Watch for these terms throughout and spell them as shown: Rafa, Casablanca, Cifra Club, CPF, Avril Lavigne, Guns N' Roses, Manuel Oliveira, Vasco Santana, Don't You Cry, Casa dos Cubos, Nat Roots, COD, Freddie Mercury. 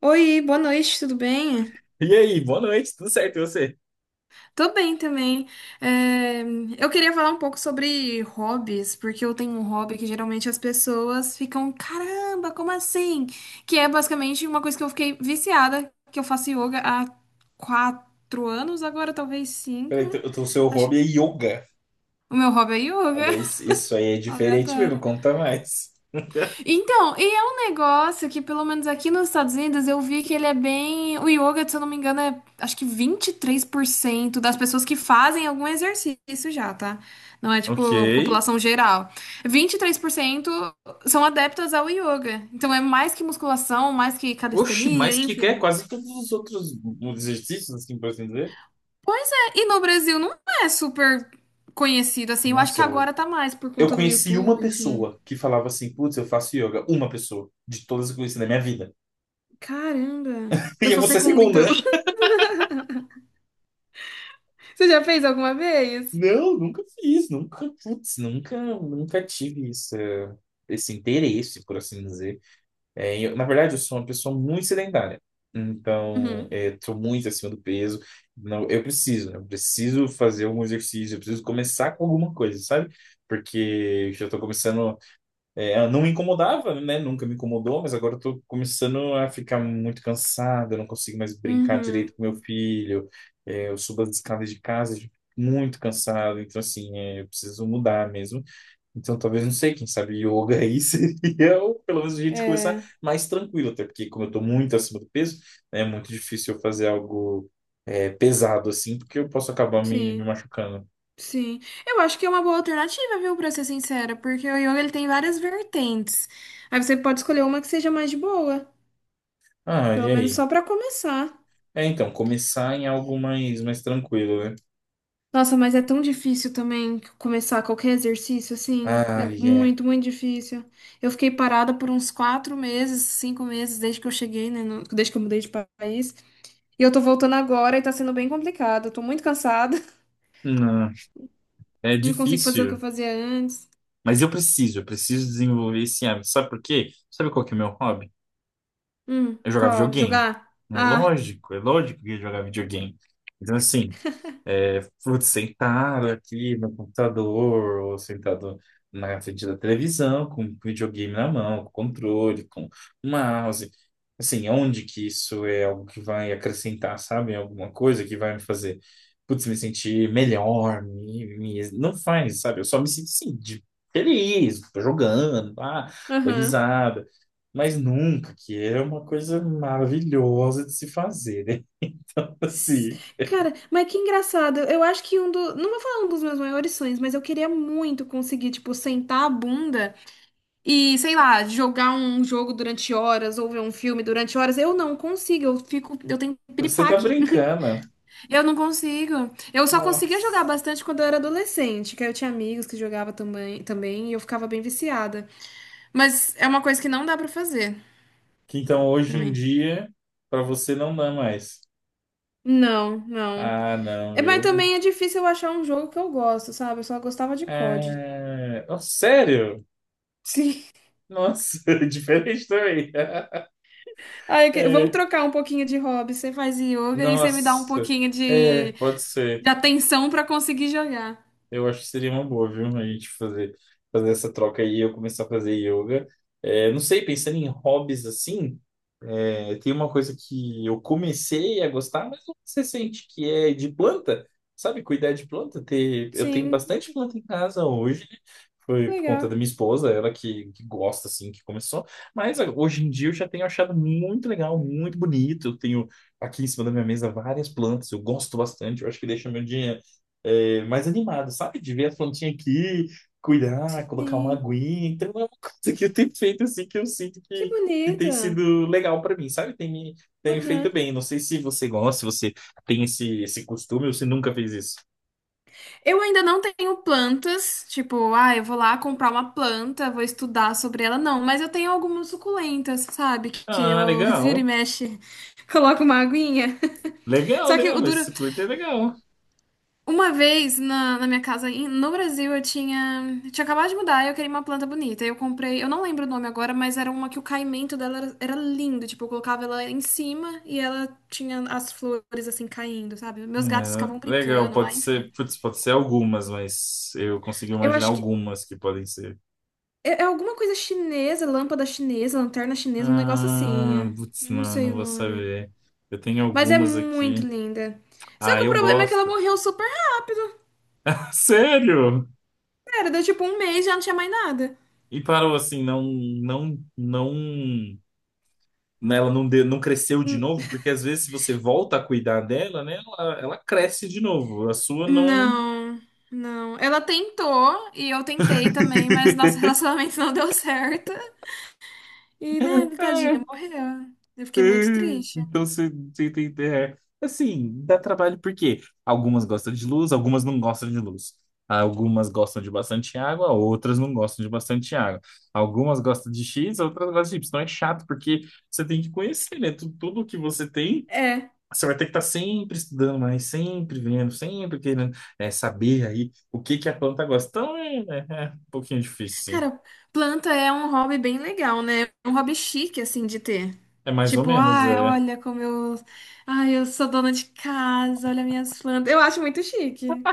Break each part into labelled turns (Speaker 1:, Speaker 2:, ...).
Speaker 1: Oi, boa noite, tudo bem?
Speaker 2: E aí, boa noite, tudo certo, e você?
Speaker 1: Tô bem também. É, eu queria falar um pouco sobre hobbies, porque eu tenho um hobby que geralmente as pessoas ficam, caramba, como assim? Que é basicamente uma coisa que eu fiquei viciada, que eu faço yoga há 4 anos, agora talvez cinco.
Speaker 2: Peraí, então o seu
Speaker 1: Acho.
Speaker 2: hobby é yoga.
Speaker 1: O meu hobby é yoga,
Speaker 2: Olha, isso aí é diferente mesmo,
Speaker 1: aleatório.
Speaker 2: conta mais.
Speaker 1: Então, e é um negócio que, pelo menos aqui nos Estados Unidos, eu vi que ele é bem. O yoga, se eu não me engano, é acho que 23% das pessoas que fazem algum exercício já, tá? Não é
Speaker 2: Ok.
Speaker 1: tipo população geral. 23% são adeptas ao yoga. Então é mais que musculação, mais que
Speaker 2: Oxi,
Speaker 1: calistenia,
Speaker 2: mas que é
Speaker 1: enfim.
Speaker 2: quase todos os outros exercícios, assim, por assim dizer.
Speaker 1: Pois é, e no Brasil não é super conhecido assim. Eu acho que
Speaker 2: Nossa, eu,
Speaker 1: agora tá mais por
Speaker 2: eu
Speaker 1: conta do
Speaker 2: conheci uma
Speaker 1: YouTube, enfim.
Speaker 2: pessoa que falava assim, putz, eu faço yoga. Uma pessoa, de todas que eu conheci na minha vida.
Speaker 1: Caramba! Eu
Speaker 2: E
Speaker 1: sou a
Speaker 2: você é
Speaker 1: segunda, então.
Speaker 2: segunda.
Speaker 1: Você já fez alguma vez?
Speaker 2: Não, nunca fiz, nunca, putz, nunca tive esse interesse, por assim dizer. É, na verdade, eu sou uma pessoa muito sedentária. Então,
Speaker 1: Uhum.
Speaker 2: estou muito acima do peso. Não, eu preciso, né? Eu preciso fazer algum exercício, eu preciso começar com alguma coisa, sabe? Porque eu já estou começando. Eu não me incomodava, né? Nunca me incomodou, mas agora eu estou começando a ficar muito cansado. Eu não consigo mais brincar
Speaker 1: Uhum.
Speaker 2: direito com meu filho. Eu subo as escadas de casa. Eu fico muito cansado, então assim, eu preciso mudar mesmo. Então, talvez, não sei, quem sabe yoga aí seria, pelo menos, a gente começar
Speaker 1: É,
Speaker 2: mais tranquilo, até porque, como eu estou muito acima do peso, né, é muito difícil eu fazer algo pesado assim, porque eu posso acabar me
Speaker 1: sim,
Speaker 2: machucando.
Speaker 1: sim. Eu acho que é uma boa alternativa, viu, pra ser sincera, porque o yoga ele tem várias vertentes. Aí você pode escolher uma que seja mais de boa,
Speaker 2: Ah,
Speaker 1: pelo
Speaker 2: e
Speaker 1: menos
Speaker 2: aí?
Speaker 1: só pra começar.
Speaker 2: É, então, começar em algo mais, mais tranquilo, né?
Speaker 1: Nossa, mas é tão difícil também começar qualquer exercício assim. É
Speaker 2: Ah, é.
Speaker 1: muito, muito difícil. Eu fiquei parada por uns 4 meses, 5 meses, desde que eu cheguei, né? Desde que eu mudei de país. E eu tô voltando agora e tá sendo bem complicado. Eu tô muito cansada.
Speaker 2: Não, é
Speaker 1: Não consigo fazer o que eu
Speaker 2: difícil.
Speaker 1: fazia antes.
Speaker 2: Mas eu preciso desenvolver esse hábito. Sabe por quê? Sabe qual que é o meu hobby? Eu jogava
Speaker 1: Qual?
Speaker 2: videogame.
Speaker 1: Jogar? Ah,
Speaker 2: É lógico que eu ia jogar videogame. Então, assim, putz, sentado aqui no computador, ou sentado na frente da televisão, com o videogame na mão, com controle, com mouse. Assim, onde que isso é algo que vai acrescentar, sabe? Alguma coisa que vai me fazer, putz, me sentir melhor, não faz, sabe? Eu só me sinto assim, feliz, tô jogando, ah, dou
Speaker 1: aham.
Speaker 2: risada mas nunca, que é uma coisa maravilhosa de se fazer, né? Então,
Speaker 1: S-
Speaker 2: assim,
Speaker 1: Cara, mas que engraçado. Eu acho que um do. Não vou falar um dos meus maiores sonhos, mas eu queria muito conseguir, tipo, sentar a bunda e, sei lá, jogar um jogo durante horas ou ver um filme durante horas. Eu não consigo, eu fico. Eu tenho
Speaker 2: você tá
Speaker 1: piripaque.
Speaker 2: brincando, né?
Speaker 1: Eu não consigo. Eu só conseguia jogar
Speaker 2: Nossa.
Speaker 1: bastante quando eu era adolescente, que aí eu tinha amigos que jogavam também e eu ficava bem viciada. Mas é uma coisa que não dá pra fazer
Speaker 2: Que então hoje
Speaker 1: pra
Speaker 2: em
Speaker 1: mim.
Speaker 2: dia, pra você não dá mais.
Speaker 1: Não, não.
Speaker 2: Ah, não,
Speaker 1: É, mas
Speaker 2: eu.
Speaker 1: também é difícil eu achar um jogo que eu gosto, sabe? Eu só gostava de COD.
Speaker 2: Ah, oh, sério?
Speaker 1: Sim.
Speaker 2: Nossa, diferente também.
Speaker 1: Aí, vamos
Speaker 2: É,
Speaker 1: trocar um pouquinho de hobby. Você faz yoga e você me dá um
Speaker 2: nossa,
Speaker 1: pouquinho
Speaker 2: é,
Speaker 1: de,
Speaker 2: pode ser.
Speaker 1: de atenção pra conseguir jogar.
Speaker 2: Eu acho que seria uma boa, viu? A gente fazer, fazer essa troca aí, eu começar a fazer yoga. É, não sei, pensando em hobbies assim, tem uma coisa que eu comecei a gostar, mas não se sente que é de planta, sabe? Cuidar de planta. Ter, eu tenho
Speaker 1: Sim,
Speaker 2: bastante planta em casa hoje, né? Foi por conta da
Speaker 1: legal.
Speaker 2: minha esposa, ela que gosta, assim, que começou. Mas ah, hoje em dia eu já tenho achado muito legal, muito bonito. Eu tenho aqui em cima da minha mesa várias plantas, eu gosto bastante, eu acho que deixa meu dia mais animado, sabe? De ver a plantinha aqui, cuidar, colocar uma
Speaker 1: Sim.
Speaker 2: aguinha. Então é uma coisa que eu tenho feito assim que eu sinto
Speaker 1: Que
Speaker 2: que tem
Speaker 1: bonita.
Speaker 2: sido legal pra mim, sabe? Tem me
Speaker 1: Aham.
Speaker 2: feito bem. Não sei se você gosta, se você tem esse costume ou se nunca fez isso.
Speaker 1: Eu ainda não tenho plantas, tipo, ah, eu vou lá comprar uma planta, vou estudar sobre ela, não, mas eu tenho algumas suculentas, sabe? Que
Speaker 2: Ah,
Speaker 1: eu viro e
Speaker 2: legal.
Speaker 1: mexe, coloco uma aguinha.
Speaker 2: Legal,
Speaker 1: Só que
Speaker 2: legal,
Speaker 1: o
Speaker 2: mas
Speaker 1: duro,
Speaker 2: suculenta é legal.
Speaker 1: uma vez na minha casa no Brasil eu tinha acabado de mudar, e eu queria uma planta bonita. Eu comprei, eu não lembro o nome agora, mas era uma que o caimento dela era lindo. Tipo, eu colocava ela em cima e ela tinha as flores assim caindo, sabe? Meus gatos ficavam
Speaker 2: É, legal,
Speaker 1: brincando
Speaker 2: pode
Speaker 1: lá, enfim.
Speaker 2: ser, putz, pode ser algumas, mas eu consegui
Speaker 1: Eu
Speaker 2: imaginar
Speaker 1: acho que
Speaker 2: algumas que podem ser.
Speaker 1: é alguma coisa chinesa, lâmpada chinesa, lanterna chinesa, um negócio assim.
Speaker 2: Ah, putz,
Speaker 1: Não sei
Speaker 2: não
Speaker 1: o
Speaker 2: vou
Speaker 1: nome.
Speaker 2: saber. Eu tenho
Speaker 1: Mas é
Speaker 2: algumas
Speaker 1: muito
Speaker 2: aqui.
Speaker 1: linda. Só
Speaker 2: Ah,
Speaker 1: que o
Speaker 2: eu
Speaker 1: problema é que ela
Speaker 2: gosto.
Speaker 1: morreu super rápido.
Speaker 2: Sério?
Speaker 1: Era, deu tipo um mês e já não tinha mais nada.
Speaker 2: E parou assim, não, não, não, né, ela não, não cresceu de novo, porque às vezes se você volta a cuidar dela, né, ela cresce de novo. A sua não.
Speaker 1: Não, não. Ela tentou e eu tentei também, mas nosso relacionamento não deu certo. E, né, tadinha,
Speaker 2: É,
Speaker 1: morreu. Eu
Speaker 2: é.
Speaker 1: fiquei muito triste.
Speaker 2: Então você, você tem. É. Assim, dá trabalho porque algumas gostam de luz, algumas não gostam de luz. Algumas gostam de bastante água, outras não gostam de bastante água. Algumas gostam de X, outras gostam de Y. Então é chato porque você tem que conhecer, né? Tudo que você tem.
Speaker 1: É.
Speaker 2: Você vai ter que estar sempre estudando mais, sempre vendo, sempre querendo saber aí o que que a planta gosta. Então é, né, é um pouquinho difícil, sim.
Speaker 1: Cara, planta é um hobby bem legal, né? É um hobby chique, assim, de ter.
Speaker 2: É mais ou
Speaker 1: Tipo,
Speaker 2: menos,
Speaker 1: ah,
Speaker 2: é.
Speaker 1: olha como eu. Ai, eu sou dona de casa, olha minhas plantas. Eu acho muito chique.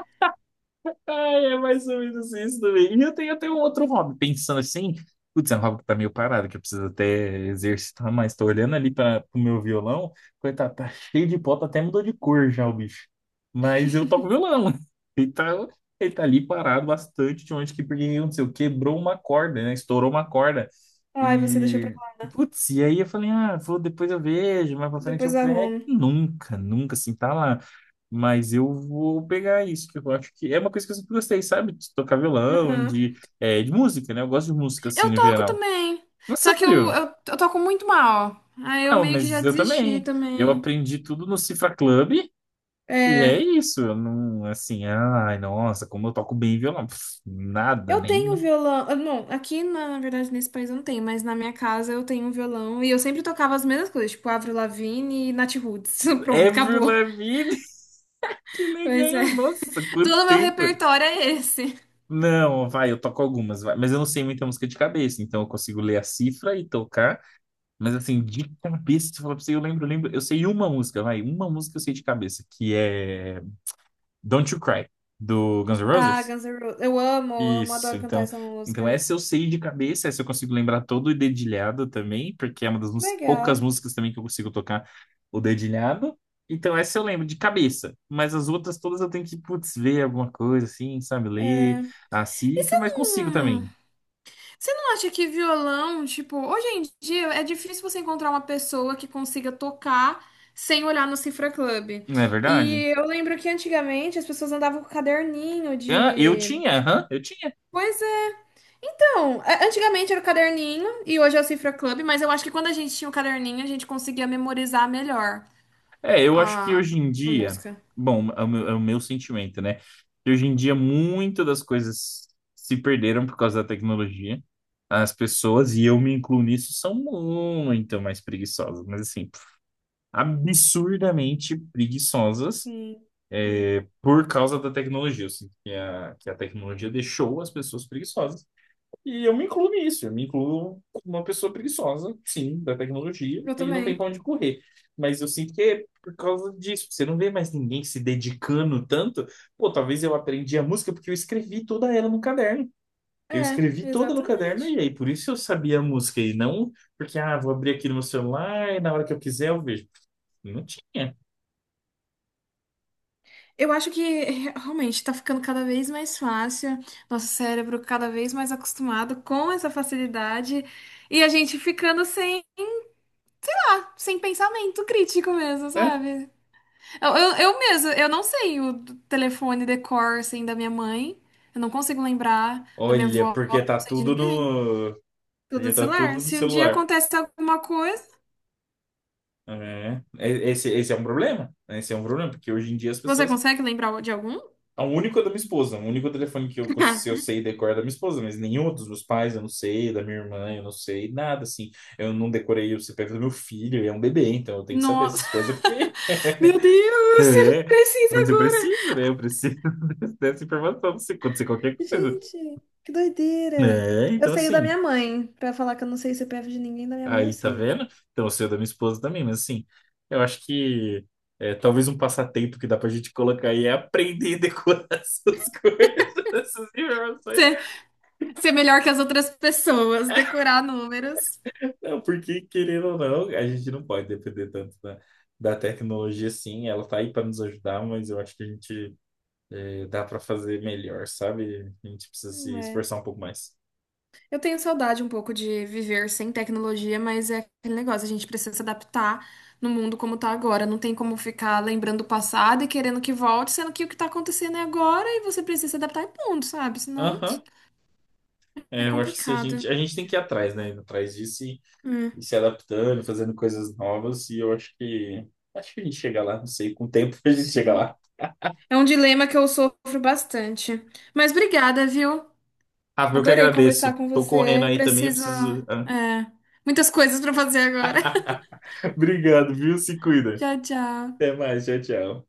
Speaker 2: Ai, é mais ou menos isso também. E eu tenho um outro hobby, pensando assim, putz, é um hobby que tá meio parado, que eu preciso até exercitar mais. Tô olhando ali para o meu violão, coitado, tá cheio de pó, tá até mudou de cor já o bicho. Mas eu toco violão, então ele tá ali parado bastante de onde que, porque, não sei, quebrou uma corda, né? Estourou uma corda.
Speaker 1: Ai, você deixou pra
Speaker 2: E,
Speaker 1: lá,
Speaker 2: putz, e aí eu falei, ah, vou, depois eu vejo, mais pra frente
Speaker 1: depois
Speaker 2: eu
Speaker 1: eu
Speaker 2: pego.
Speaker 1: arrumo.
Speaker 2: Nunca, nunca, assim, tá lá. Mas eu vou pegar isso, que eu acho que é uma coisa que eu sempre gostei, sabe? De tocar violão,
Speaker 1: Aham.
Speaker 2: de, de música, né? Eu gosto de música, assim,
Speaker 1: Eu
Speaker 2: no
Speaker 1: toco
Speaker 2: geral.
Speaker 1: também.
Speaker 2: Não,
Speaker 1: Só que eu,
Speaker 2: sério?
Speaker 1: eu, eu toco muito mal. Aí eu
Speaker 2: Não,
Speaker 1: meio que já
Speaker 2: mas eu
Speaker 1: desisti
Speaker 2: também. Eu
Speaker 1: também.
Speaker 2: aprendi tudo no Cifra Club e é
Speaker 1: É.
Speaker 2: isso. Eu não, assim, ai, nossa, como eu toco bem violão. Pff, nada,
Speaker 1: Eu tenho um
Speaker 2: nem...
Speaker 1: violão. Não, aqui na verdade nesse país eu não tenho, mas na minha casa eu tenho um violão e eu sempre tocava as mesmas coisas, tipo Avril Lavigne e Nat Roots. Pronto,
Speaker 2: Avril
Speaker 1: acabou.
Speaker 2: Lavigne, que
Speaker 1: Pois é.
Speaker 2: legal! Nossa, quanto
Speaker 1: Todo meu
Speaker 2: tempo!
Speaker 1: repertório é esse.
Speaker 2: Não, vai, eu toco algumas, vai. Mas eu não sei muita música de cabeça, então eu consigo ler a cifra e tocar. Mas assim, de cabeça, se eu falar pra você, eu lembro. Eu sei uma música, vai. Uma música eu sei de cabeça, que é Don't You Cry, do Guns N'
Speaker 1: Ah,
Speaker 2: Roses.
Speaker 1: Guns N' Roses. Eu amo,
Speaker 2: Isso,
Speaker 1: adoro cantar
Speaker 2: então,
Speaker 1: essa
Speaker 2: então
Speaker 1: música.
Speaker 2: essa eu sei de cabeça, essa eu consigo lembrar todo o dedilhado também, porque é uma
Speaker 1: Que
Speaker 2: poucas
Speaker 1: legal.
Speaker 2: músicas também que eu consigo tocar o dedilhado. Então essa eu lembro de cabeça, mas as outras todas eu tenho que, putz, ver alguma coisa assim, sabe, ler a
Speaker 1: E você
Speaker 2: cifra, mas consigo
Speaker 1: não.
Speaker 2: também.
Speaker 1: Você não acha que violão, tipo, hoje em dia é difícil você encontrar uma pessoa que consiga tocar sem olhar no Cifra Club.
Speaker 2: Não é verdade?
Speaker 1: E eu lembro que antigamente as pessoas andavam com caderninho
Speaker 2: Ah, eu
Speaker 1: de.
Speaker 2: tinha, aham, eu tinha.
Speaker 1: Pois é, então, antigamente era o caderninho e hoje é o Cifra Club, mas eu acho que quando a gente tinha o caderninho, a gente conseguia memorizar melhor
Speaker 2: É, eu acho
Speaker 1: a,
Speaker 2: que
Speaker 1: a
Speaker 2: hoje em dia,
Speaker 1: música.
Speaker 2: bom, é o meu sentimento, né? Que hoje em dia muitas das coisas se perderam por causa da tecnologia. As pessoas, e eu me incluo nisso, são muito mais preguiçosas, mas assim, absurdamente preguiçosas,
Speaker 1: Sim, sim.
Speaker 2: por causa da tecnologia. Eu sinto que a tecnologia deixou as pessoas preguiçosas. E eu me incluo nisso, eu me incluo como uma pessoa preguiçosa, sim, da tecnologia,
Speaker 1: Eu
Speaker 2: e não tem
Speaker 1: também.
Speaker 2: pra onde correr. Mas eu sinto que é por causa disso. Você não vê mais ninguém se dedicando tanto. Pô, talvez eu aprendi a música porque eu escrevi toda ela no caderno. Eu
Speaker 1: É,
Speaker 2: escrevi toda no caderno e
Speaker 1: exatamente.
Speaker 2: aí por isso eu sabia a música e não porque, ah, vou abrir aqui no meu celular e na hora que eu quiser eu vejo. Não tinha,
Speaker 1: Eu acho que realmente tá ficando cada vez mais fácil, nosso cérebro cada vez mais acostumado com essa facilidade e a gente ficando sem pensamento crítico mesmo,
Speaker 2: né?
Speaker 1: sabe? Eu mesmo, eu não sei o telefone decor assim da minha mãe, eu não consigo lembrar da minha
Speaker 2: Olha,
Speaker 1: avó,
Speaker 2: porque
Speaker 1: não
Speaker 2: tá
Speaker 1: sei de
Speaker 2: tudo
Speaker 1: ninguém.
Speaker 2: no,
Speaker 1: Tudo do
Speaker 2: porque tá
Speaker 1: celular.
Speaker 2: tudo no
Speaker 1: Se um dia
Speaker 2: celular.
Speaker 1: acontece alguma coisa,
Speaker 2: É, esse, esse é um problema, né? Esse é um problema, porque hoje em dia as
Speaker 1: você
Speaker 2: pessoas.
Speaker 1: consegue lembrar de algum?
Speaker 2: O único é da minha esposa, o único telefone que eu, eu sei decorar é da minha esposa, mas nenhum dos meus pais eu não sei, da minha irmã eu não sei, nada assim. Eu não decorei o CPF do meu filho, ele é um bebê, então eu tenho que saber
Speaker 1: Nossa,
Speaker 2: essas coisas porque.
Speaker 1: meu Deus, você
Speaker 2: É,
Speaker 1: precisa
Speaker 2: mas eu
Speaker 1: agora.
Speaker 2: preciso, né? Eu preciso dessa informação pra você acontecer qualquer coisa.
Speaker 1: Gente, que doideira.
Speaker 2: É,
Speaker 1: Eu
Speaker 2: então
Speaker 1: sei o da
Speaker 2: assim.
Speaker 1: minha mãe. Pra falar que eu não sei o CPF de ninguém, da minha mãe eu
Speaker 2: Aí, tá
Speaker 1: sei.
Speaker 2: vendo? Então, eu sei da minha esposa também, mas assim, eu acho que talvez um passatempo que dá pra gente colocar aí é aprender a decorar essas coisas, essas informações.
Speaker 1: Ser, ser melhor que as outras pessoas, decorar números.
Speaker 2: Não, porque, querendo ou não, a gente não pode depender tanto da tecnologia, sim. Ela tá aí pra nos ajudar, mas eu acho que a gente dá pra fazer melhor, sabe? A gente precisa se
Speaker 1: É.
Speaker 2: esforçar um pouco mais.
Speaker 1: Eu tenho saudade um pouco de viver sem tecnologia, mas é aquele negócio, a gente precisa se adaptar no mundo como tá agora. Não tem como ficar lembrando o passado e querendo que volte, sendo que o que tá acontecendo é agora e você precisa se adaptar e ponto, sabe? Senão
Speaker 2: Aham.
Speaker 1: é
Speaker 2: É, eu acho que se a
Speaker 1: complicado.
Speaker 2: gente, a gente tem que ir atrás, né? Atrás disso e
Speaker 1: Hum.
Speaker 2: se adaptando, fazendo coisas novas, e eu acho que a gente chega lá, não sei, com o tempo a gente chega
Speaker 1: Sim.
Speaker 2: lá.
Speaker 1: É um dilema que eu sofro bastante. Mas obrigada, viu?
Speaker 2: Rafa, eu que
Speaker 1: Adorei conversar
Speaker 2: agradeço.
Speaker 1: com
Speaker 2: Tô correndo
Speaker 1: você.
Speaker 2: aí também, eu
Speaker 1: Preciso,
Speaker 2: preciso.
Speaker 1: é, muitas coisas para fazer agora.
Speaker 2: Obrigado, viu? Se cuida.
Speaker 1: Tchau, tchau.
Speaker 2: Até mais, tchau, tchau.